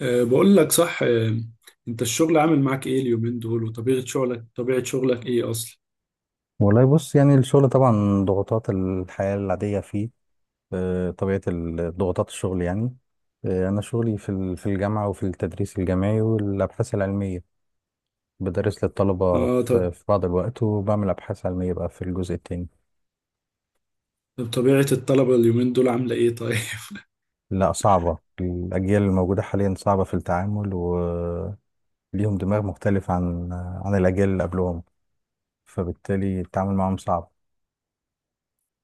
أه بقول لك صح. أه انت الشغل عامل معاك ايه اليومين دول وطبيعة شغلك، طبيعة شغلك ايه اصلا؟ والله بص، يعني الشغل طبعا ضغوطات الحياة العادية فيه. ضغوطات الشغل يعني. أنا شغلي في الجامعة وفي التدريس الجامعي والأبحاث العلمية. بدرس للطلبة اه طب. في بعض الوقت وبعمل أبحاث علمية بقى في الجزء التاني. طبيعة الطلبة اليومين دول عاملة ايه طيب؟ لا، صعبة، الأجيال الموجودة حاليا صعبة في التعامل وليهم دماغ مختلف عن الأجيال اللي قبلهم، فبالتالي التعامل معهم صعب.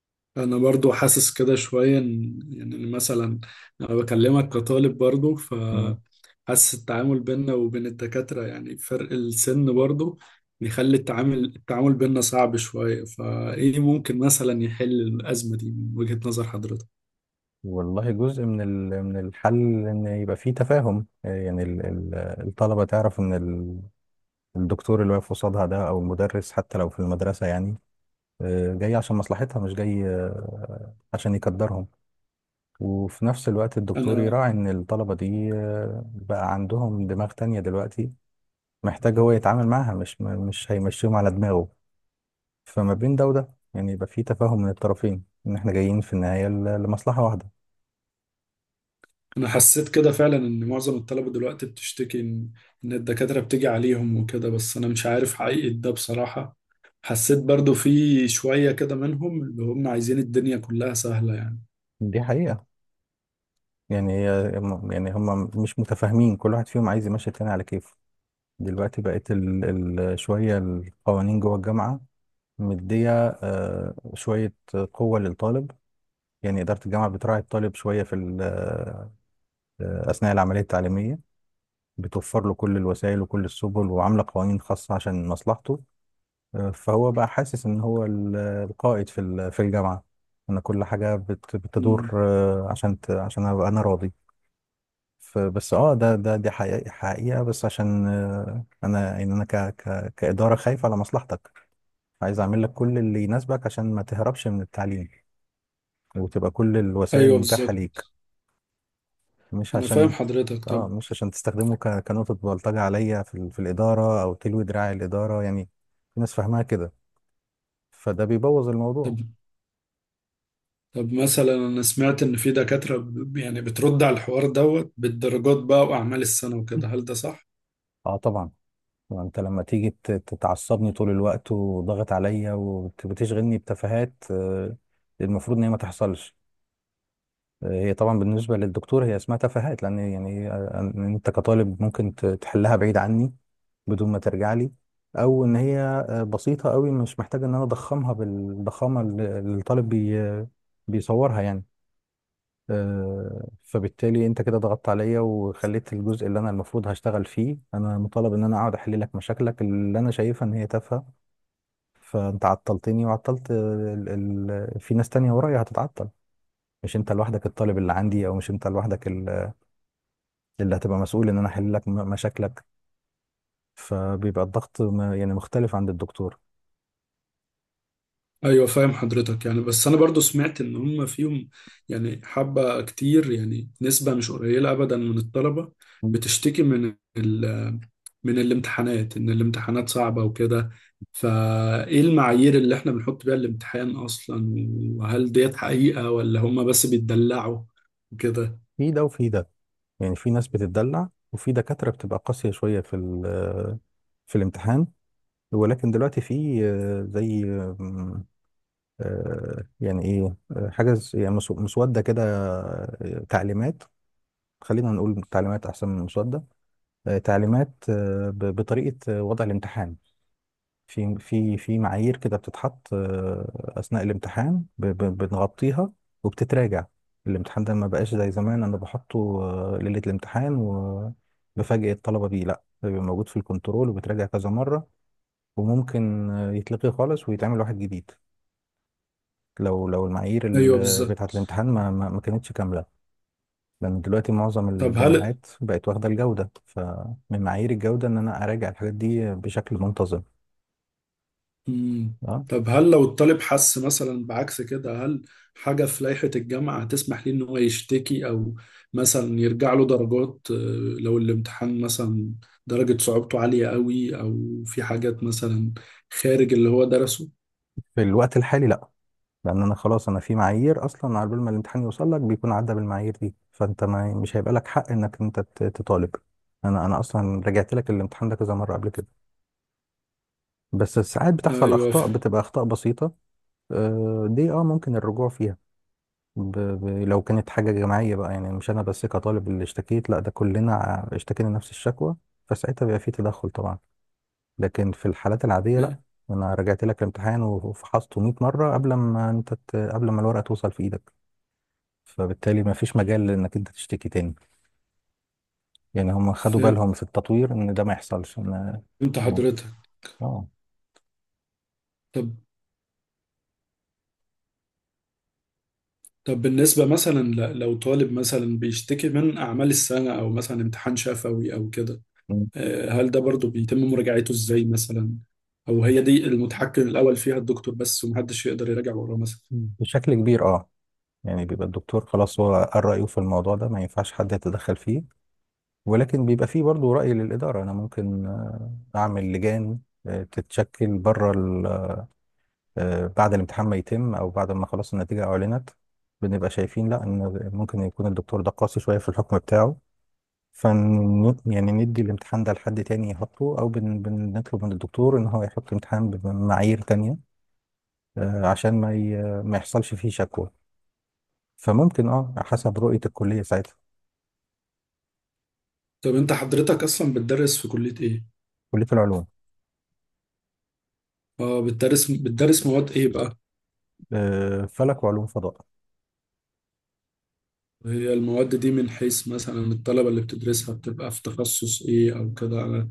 انا برضو حاسس كده شوية يعني مثلا انا بكلمك كطالب برضو فحاسس التعامل بيننا وبين الدكاترة، يعني فرق السن برضو بيخلي التعامل بيننا صعب شوية، فايه ممكن مثلا يحل الأزمة دي من وجهة نظر حضرتك؟ والله، جزء من الحل ان يبقى فيه تفاهم، يعني الطلبه تعرف ان الدكتور اللي واقف قصادها ده او المدرس حتى لو في المدرسه، يعني، جاي عشان مصلحتها مش جاي عشان يقدرهم. وفي نفس الوقت الدكتور انا يراعي ان الطلبه دي بقى عندهم دماغ تانية دلوقتي، محتاج هو يتعامل معاها مش هيمشيهم على دماغه. فما بين ده وده، يعني، يبقى فيه تفاهم من الطرفين، ان احنا جايين في النهايه ل- لمصلحه واحده. انا حسيت كده فعلا ان معظم الطلبة دلوقتي بتشتكي إن الدكاترة بتيجي عليهم وكده، بس انا مش عارف حقيقة ده بصراحة. حسيت برضو في شوية كده منهم اللي هم عايزين الدنيا كلها سهلة يعني. دي حقيقه. يعني هي يعني هم مش متفاهمين، كل واحد فيهم عايز يمشي التاني على كيفه. دلوقتي بقت شوية القوانين جوه الجامعة مدية، شوية قوة للطالب. يعني إدارة الجامعة بتراعي الطالب شوية في ال... آه، أثناء العملية التعليمية، بتوفر له كل الوسائل وكل السبل وعاملة قوانين خاصة عشان مصلحته. فهو بقى حاسس إن هو القائد في الجامعة، إن كل حاجة بتدور مم. عشان عشان أبقى أنا راضي. فبس اه ده ده دي حقيقة، بس عشان انا، يعني، انا ك ك كإدارة خايف على مصلحتك، عايز اعمل لك كل اللي يناسبك عشان ما تهربش من التعليم وتبقى كل الوسائل ايوه متاحة بالظبط، ليك. مش انا فاهم عشان حضرتك. اه طب، مش عشان تستخدمه كنقطة بلطجة عليا في الإدارة او تلوي دراع الإدارة، يعني. في ناس فاهمها كده، فده بيبوظ طب الموضوع. طب مثلا انا سمعت ان في دكاترة يعني بترد على الحوار دوت بالدرجات بقى واعمال السنة وكده، هل ده صح؟ اه، طبعا. ما انت لما تيجي تتعصبني طول الوقت وضغط عليا وبتشغلني بتفاهات، المفروض ان هي ما تحصلش. هي طبعا بالنسبة للدكتور هي اسمها تفاهات، لأن يعني أنت كطالب ممكن تحلها بعيد عني بدون ما ترجع لي، أو إن هي بسيطة قوي، مش محتاجة إن أنا أضخمها بالضخامة اللي الطالب بيصورها، يعني. فبالتالي أنت كده ضغطت عليا وخليت الجزء اللي أنا المفروض هشتغل فيه، أنا مطالب إن أنا أقعد أحل لك مشاكلك اللي أنا شايفها إن هي تافهة. فأنت عطلتني وعطلت، في ناس تانية ورايا هتتعطل، مش انت لوحدك الطالب اللي عندي، او مش انت لوحدك اللي هتبقى مسؤول ان انا احل لك مشاكلك. فبيبقى الضغط يعني مختلف عند الدكتور. ايوه فاهم حضرتك، يعني بس انا برضو سمعت ان هم فيهم يعني حبة كتير، يعني نسبة مش قليلة ابدا من الطلبة مم. بتشتكي من الامتحانات، ان الامتحانات صعبة وكده، فايه المعايير اللي احنا بنحط بيها الامتحان اصلا، وهل ديت حقيقة ولا هم بس بيتدلعوا وكده؟ في ده وفي ده، يعني في ناس بتتدلع وفي دكاترة بتبقى قاسية شوية في الامتحان. ولكن دلوقتي في، زي، آم، آه، يعني ايه، حاجة، يعني، مسودة كده، تعليمات. خلينا نقول تعليمات احسن من مسودة. تعليمات بطريقة وضع الامتحان. في معايير كده بتتحط، اثناء الامتحان بنغطيها وبتتراجع. الامتحان ده ما بقاش زي زمان انا بحطه ليله الامتحان وبفاجئ الطلبه بيه، لا، ده بيبقى موجود في الكنترول وبيتراجع كذا مره. وممكن يتلغي خالص ويتعمل واحد جديد لو المعايير ايوه بتاعه بالظبط. الامتحان ما كانتش كامله. لان دلوقتي معظم طب هل الجامعات بقت واخده الجوده، فمن معايير الجوده ان انا اراجع الحاجات دي بشكل منتظم. مم. آه. طب هل لو الطالب حس مثلا بعكس كده، هل حاجة في لائحة الجامعة هتسمح ليه إن هو يشتكي، أو مثلا يرجع له درجات، لو الامتحان مثلا درجة صعوبته عالية قوي، أو في حاجات مثلا خارج اللي هو درسه؟ في الوقت الحالي لا، لان انا خلاص في معايير اصلا، على بال ما الامتحان يوصل لك بيكون عدى بالمعايير دي، فانت ما مش هيبقى لك حق انك انت تطالب. انا اصلا رجعت لك الامتحان ده كذا مره قبل كده. بس ساعات بتحصل أيوه اخطاء، فاهم. بتبقى اخطاء بسيطه. دي ممكن الرجوع فيها، لو كانت حاجه جماعيه بقى، يعني مش انا بس كطالب اللي اشتكيت، لا ده كلنا اشتكينا نفس الشكوى، فساعتها بيبقى في تدخل طبعا. لكن في الحالات العاديه لا، انا رجعت لك الامتحان وفحصته 100 مره قبل ما الورقه توصل في ايدك. فبالتالي ما فيش مجال انك انت تشتكي تاني. يعني هم خدوا فهمت بالهم في التطوير ان ده ما يحصلش، ان. حضرتك. اه. طب طب بالنسبة مثلا لو طالب مثلا بيشتكي من أعمال السنة أو مثلا امتحان شفوي أو كده، مم. هل ده برضو بيتم مراجعته ازاي مثلا، او هي دي المتحكم الاول فيها الدكتور بس ومحدش يقدر يراجع وراه مثلا؟ مم. بشكل كبير، اه. يعني بيبقى الدكتور خلاص هو قال رأيه في الموضوع ده، ما ينفعش حد يتدخل فيه. ولكن بيبقى فيه برضو رأي للإدارة، أنا ممكن أعمل لجان تتشكل، بره ال- آه، بعد الامتحان ما يتم أو بعد ما خلاص النتيجة أعلنت، بنبقى شايفين لا، إن ممكن يكون الدكتور ده قاسي شوية في الحكم بتاعه. يعني ندي الامتحان ده لحد تاني يحطه، او بنطلب من الدكتور ان هو يحط امتحان بمعايير تانية عشان ما يحصلش فيه شكوى. فممكن، اه، حسب رؤية الكلية ساعتها. طب انت حضرتك اصلا بتدرس في كلية ايه؟ كلية العلوم. اه بتدرس، مواد ايه بقى؟ فلك وعلوم فضاء. هي المواد دي من حيث مثلا الطلبة اللي بتدرسها بتبقى في تخصص ايه او كده؟ انا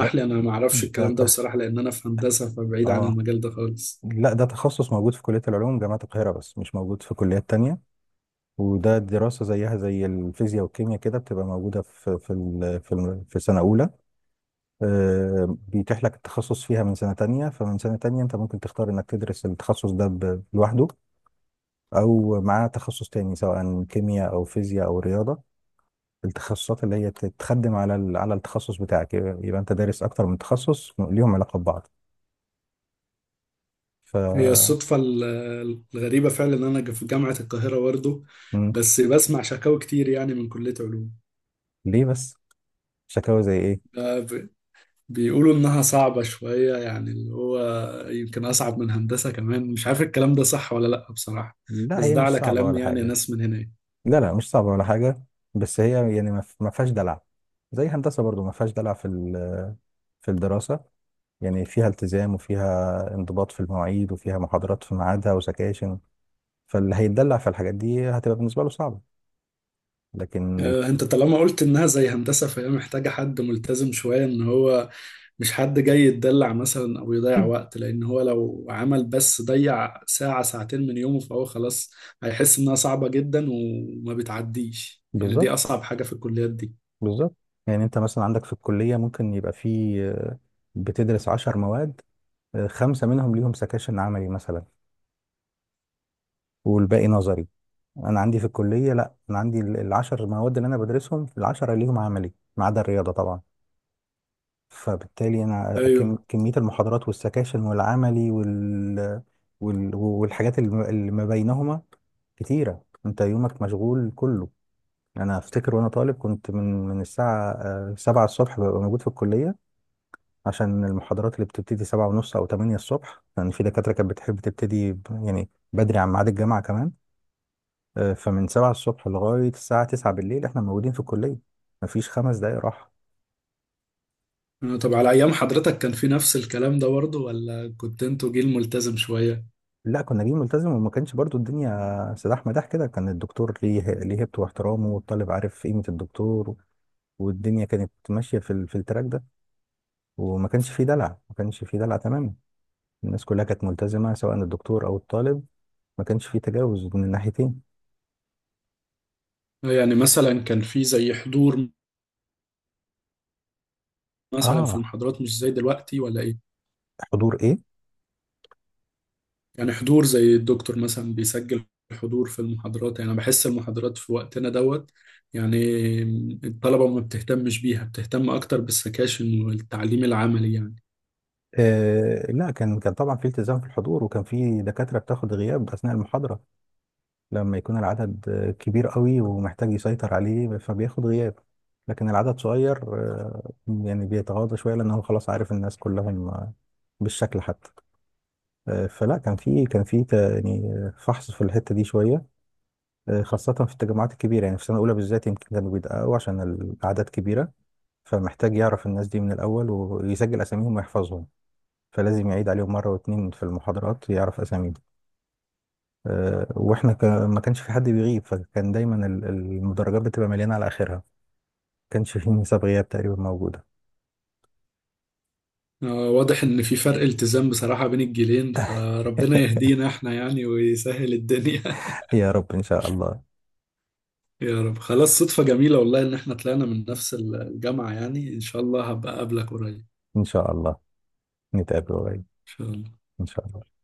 ده لي انا ما اعرفش ده الكلام ده ته... بصراحة، لان انا في هندسة فبعيد عن اه المجال ده خالص. لا، ده تخصص موجود في كلية العلوم جامعة القاهرة بس مش موجود في كليات تانية. وده دراسة زيها زي الفيزياء والكيمياء كده، بتبقى موجودة في سنة أولى. بيتيح لك التخصص فيها من سنة تانية، فمن سنة تانية انت ممكن تختار انك تدرس التخصص ده لوحده، او مع تخصص تاني، سواء كيمياء او فيزياء او رياضة. التخصصات اللي هي تتخدم على التخصص بتاعك، يبقى انت دارس اكتر من تخصص ليهم علاقة ببعض. ف. هي الصدفة ال- الغريبة فعلا ان انا في جامعة القاهرة برضه، مم. بس بسمع شكاوى كتير يعني من كلية ليه بس؟ شكاوى زي ايه؟ علوم، بيقولوا إنها صعبة شوية، يعني اللي هو يمكن أصعب من هندسة كمان، مش عارف الكلام ده صح ولا لأ بصراحة، لا بس هي ده مش على صعبة كلام ولا يعني حاجة. ناس من هنا. لا، لا، مش صعبة ولا حاجة. بس هي، يعني، ما فيهاش دلع. زي هندسة برضو ما فيهاش دلع في الدراسة. يعني فيها التزام وفيها انضباط في المواعيد وفيها محاضرات في ميعادها وسكاشن. فاللي هيتدلع في الحاجات دي هتبقى بالنسبة له صعبة. لكن ال... أنت طالما قلت إنها زي هندسة فهي محتاجة حد ملتزم شوية، إن هو مش حد جاي يتدلع مثلا أو يضيع مم. وقت، لأن هو لو عمل بس ضيع ساعة ساعتين من يومه فهو خلاص هيحس إنها صعبة جدا وما بتعديش، يعني دي بالظبط، أصعب حاجة في الكليات دي. بالظبط. يعني انت مثلا عندك في الكلية ممكن يبقى في، بتدرس 10 مواد، 5 منهم ليهم سكاشن عملي مثلا، والباقي نظري. انا عندي في الكلية لا، انا عندي العشر مواد اللي انا بدرسهم العشرة ليهم عملي، ما عدا الرياضة طبعا. فبالتالي انا، أيوه. كميه المحاضرات والسكاشن والعملي والحاجات اللي ما بينهما كتيره. انت يومك مشغول كله. انا افتكر وانا طالب، كنت من الساعه، 7 الصبح ببقى موجود في الكليه، عشان المحاضرات اللي بتبتدي 7:30 او 8 الصبح، لان يعني في دكاتره كانت بتحب تبتدي يعني بدري عن ميعاد الجامعه كمان. فمن 7 الصبح لغايه الساعه 9 بالليل احنا موجودين في الكليه، مفيش 5 دقايق راحه. طب على أيام حضرتك كان في نفس الكلام ده برضه ولا كنت انتوا جيل ملتزم شوية؟ لا، كنا جايين ملتزم، وما كانش برضو الدنيا سلاح مداح كده، كان الدكتور ليه هيبته واحترامه، والطالب عارف قيمة الدكتور. والدنيا كانت ماشية في التراك ده، وما كانش فيه دلع، ما كانش فيه دلع تماما. الناس كلها كانت ملتزمة، سواء الدكتور أو الطالب، ما كانش فيه تجاوز من الناحيتين. يعني مثلا كان في زي حضور مثلا في اه، المحاضرات مش زي دلوقتي ولا إيه؟ حضور ايه؟ يعني حضور زي الدكتور مثلا بيسجل حضور في المحاضرات، يعني أنا بحس المحاضرات في وقتنا دوت، يعني الطلبة ما بتهتمش بيها، بتهتم أكتر بالسكاشن والتعليم العملي يعني. لا، كان طبعا في التزام في الحضور، وكان في دكاترة بتاخد غياب أثناء المحاضرة لما يكون العدد كبير قوي ومحتاج يسيطر عليه، فبياخد غياب. لكن العدد صغير، يعني بيتغاضى شوية، لأن هو خلاص عارف الناس كلهم بالشكل حتى. فلا، كان في يعني فحص في الحتة دي شوية، خاصة في التجمعات الكبيرة، يعني في السنة الأولى بالذات يمكن كانوا بيدققوا عشان الأعداد كبيرة. فمحتاج يعرف الناس دي من الأول ويسجل أساميهم ويحفظهم، فلازم يعيد عليهم مرة واتنين في المحاضرات يعرف أساميهم. ما كانش في حد بيغيب، فكان دايما المدرجات بتبقى مليانه على اخرها. ما كانش في نسب غياب تقريبا موجوده. واضح إن في فرق التزام بصراحة بين الجيلين، فربنا يهدينا إحنا يعني ويسهل الدنيا. يا رب ان شاء الله. يا رب. خلاص صدفة جميلة والله إن إحنا طلعنا من نفس الجامعة، يعني إن شاء الله هبقى أقابلك قريب إن ان شاء الله نتقابل قريب. شاء الله. ان شاء الله.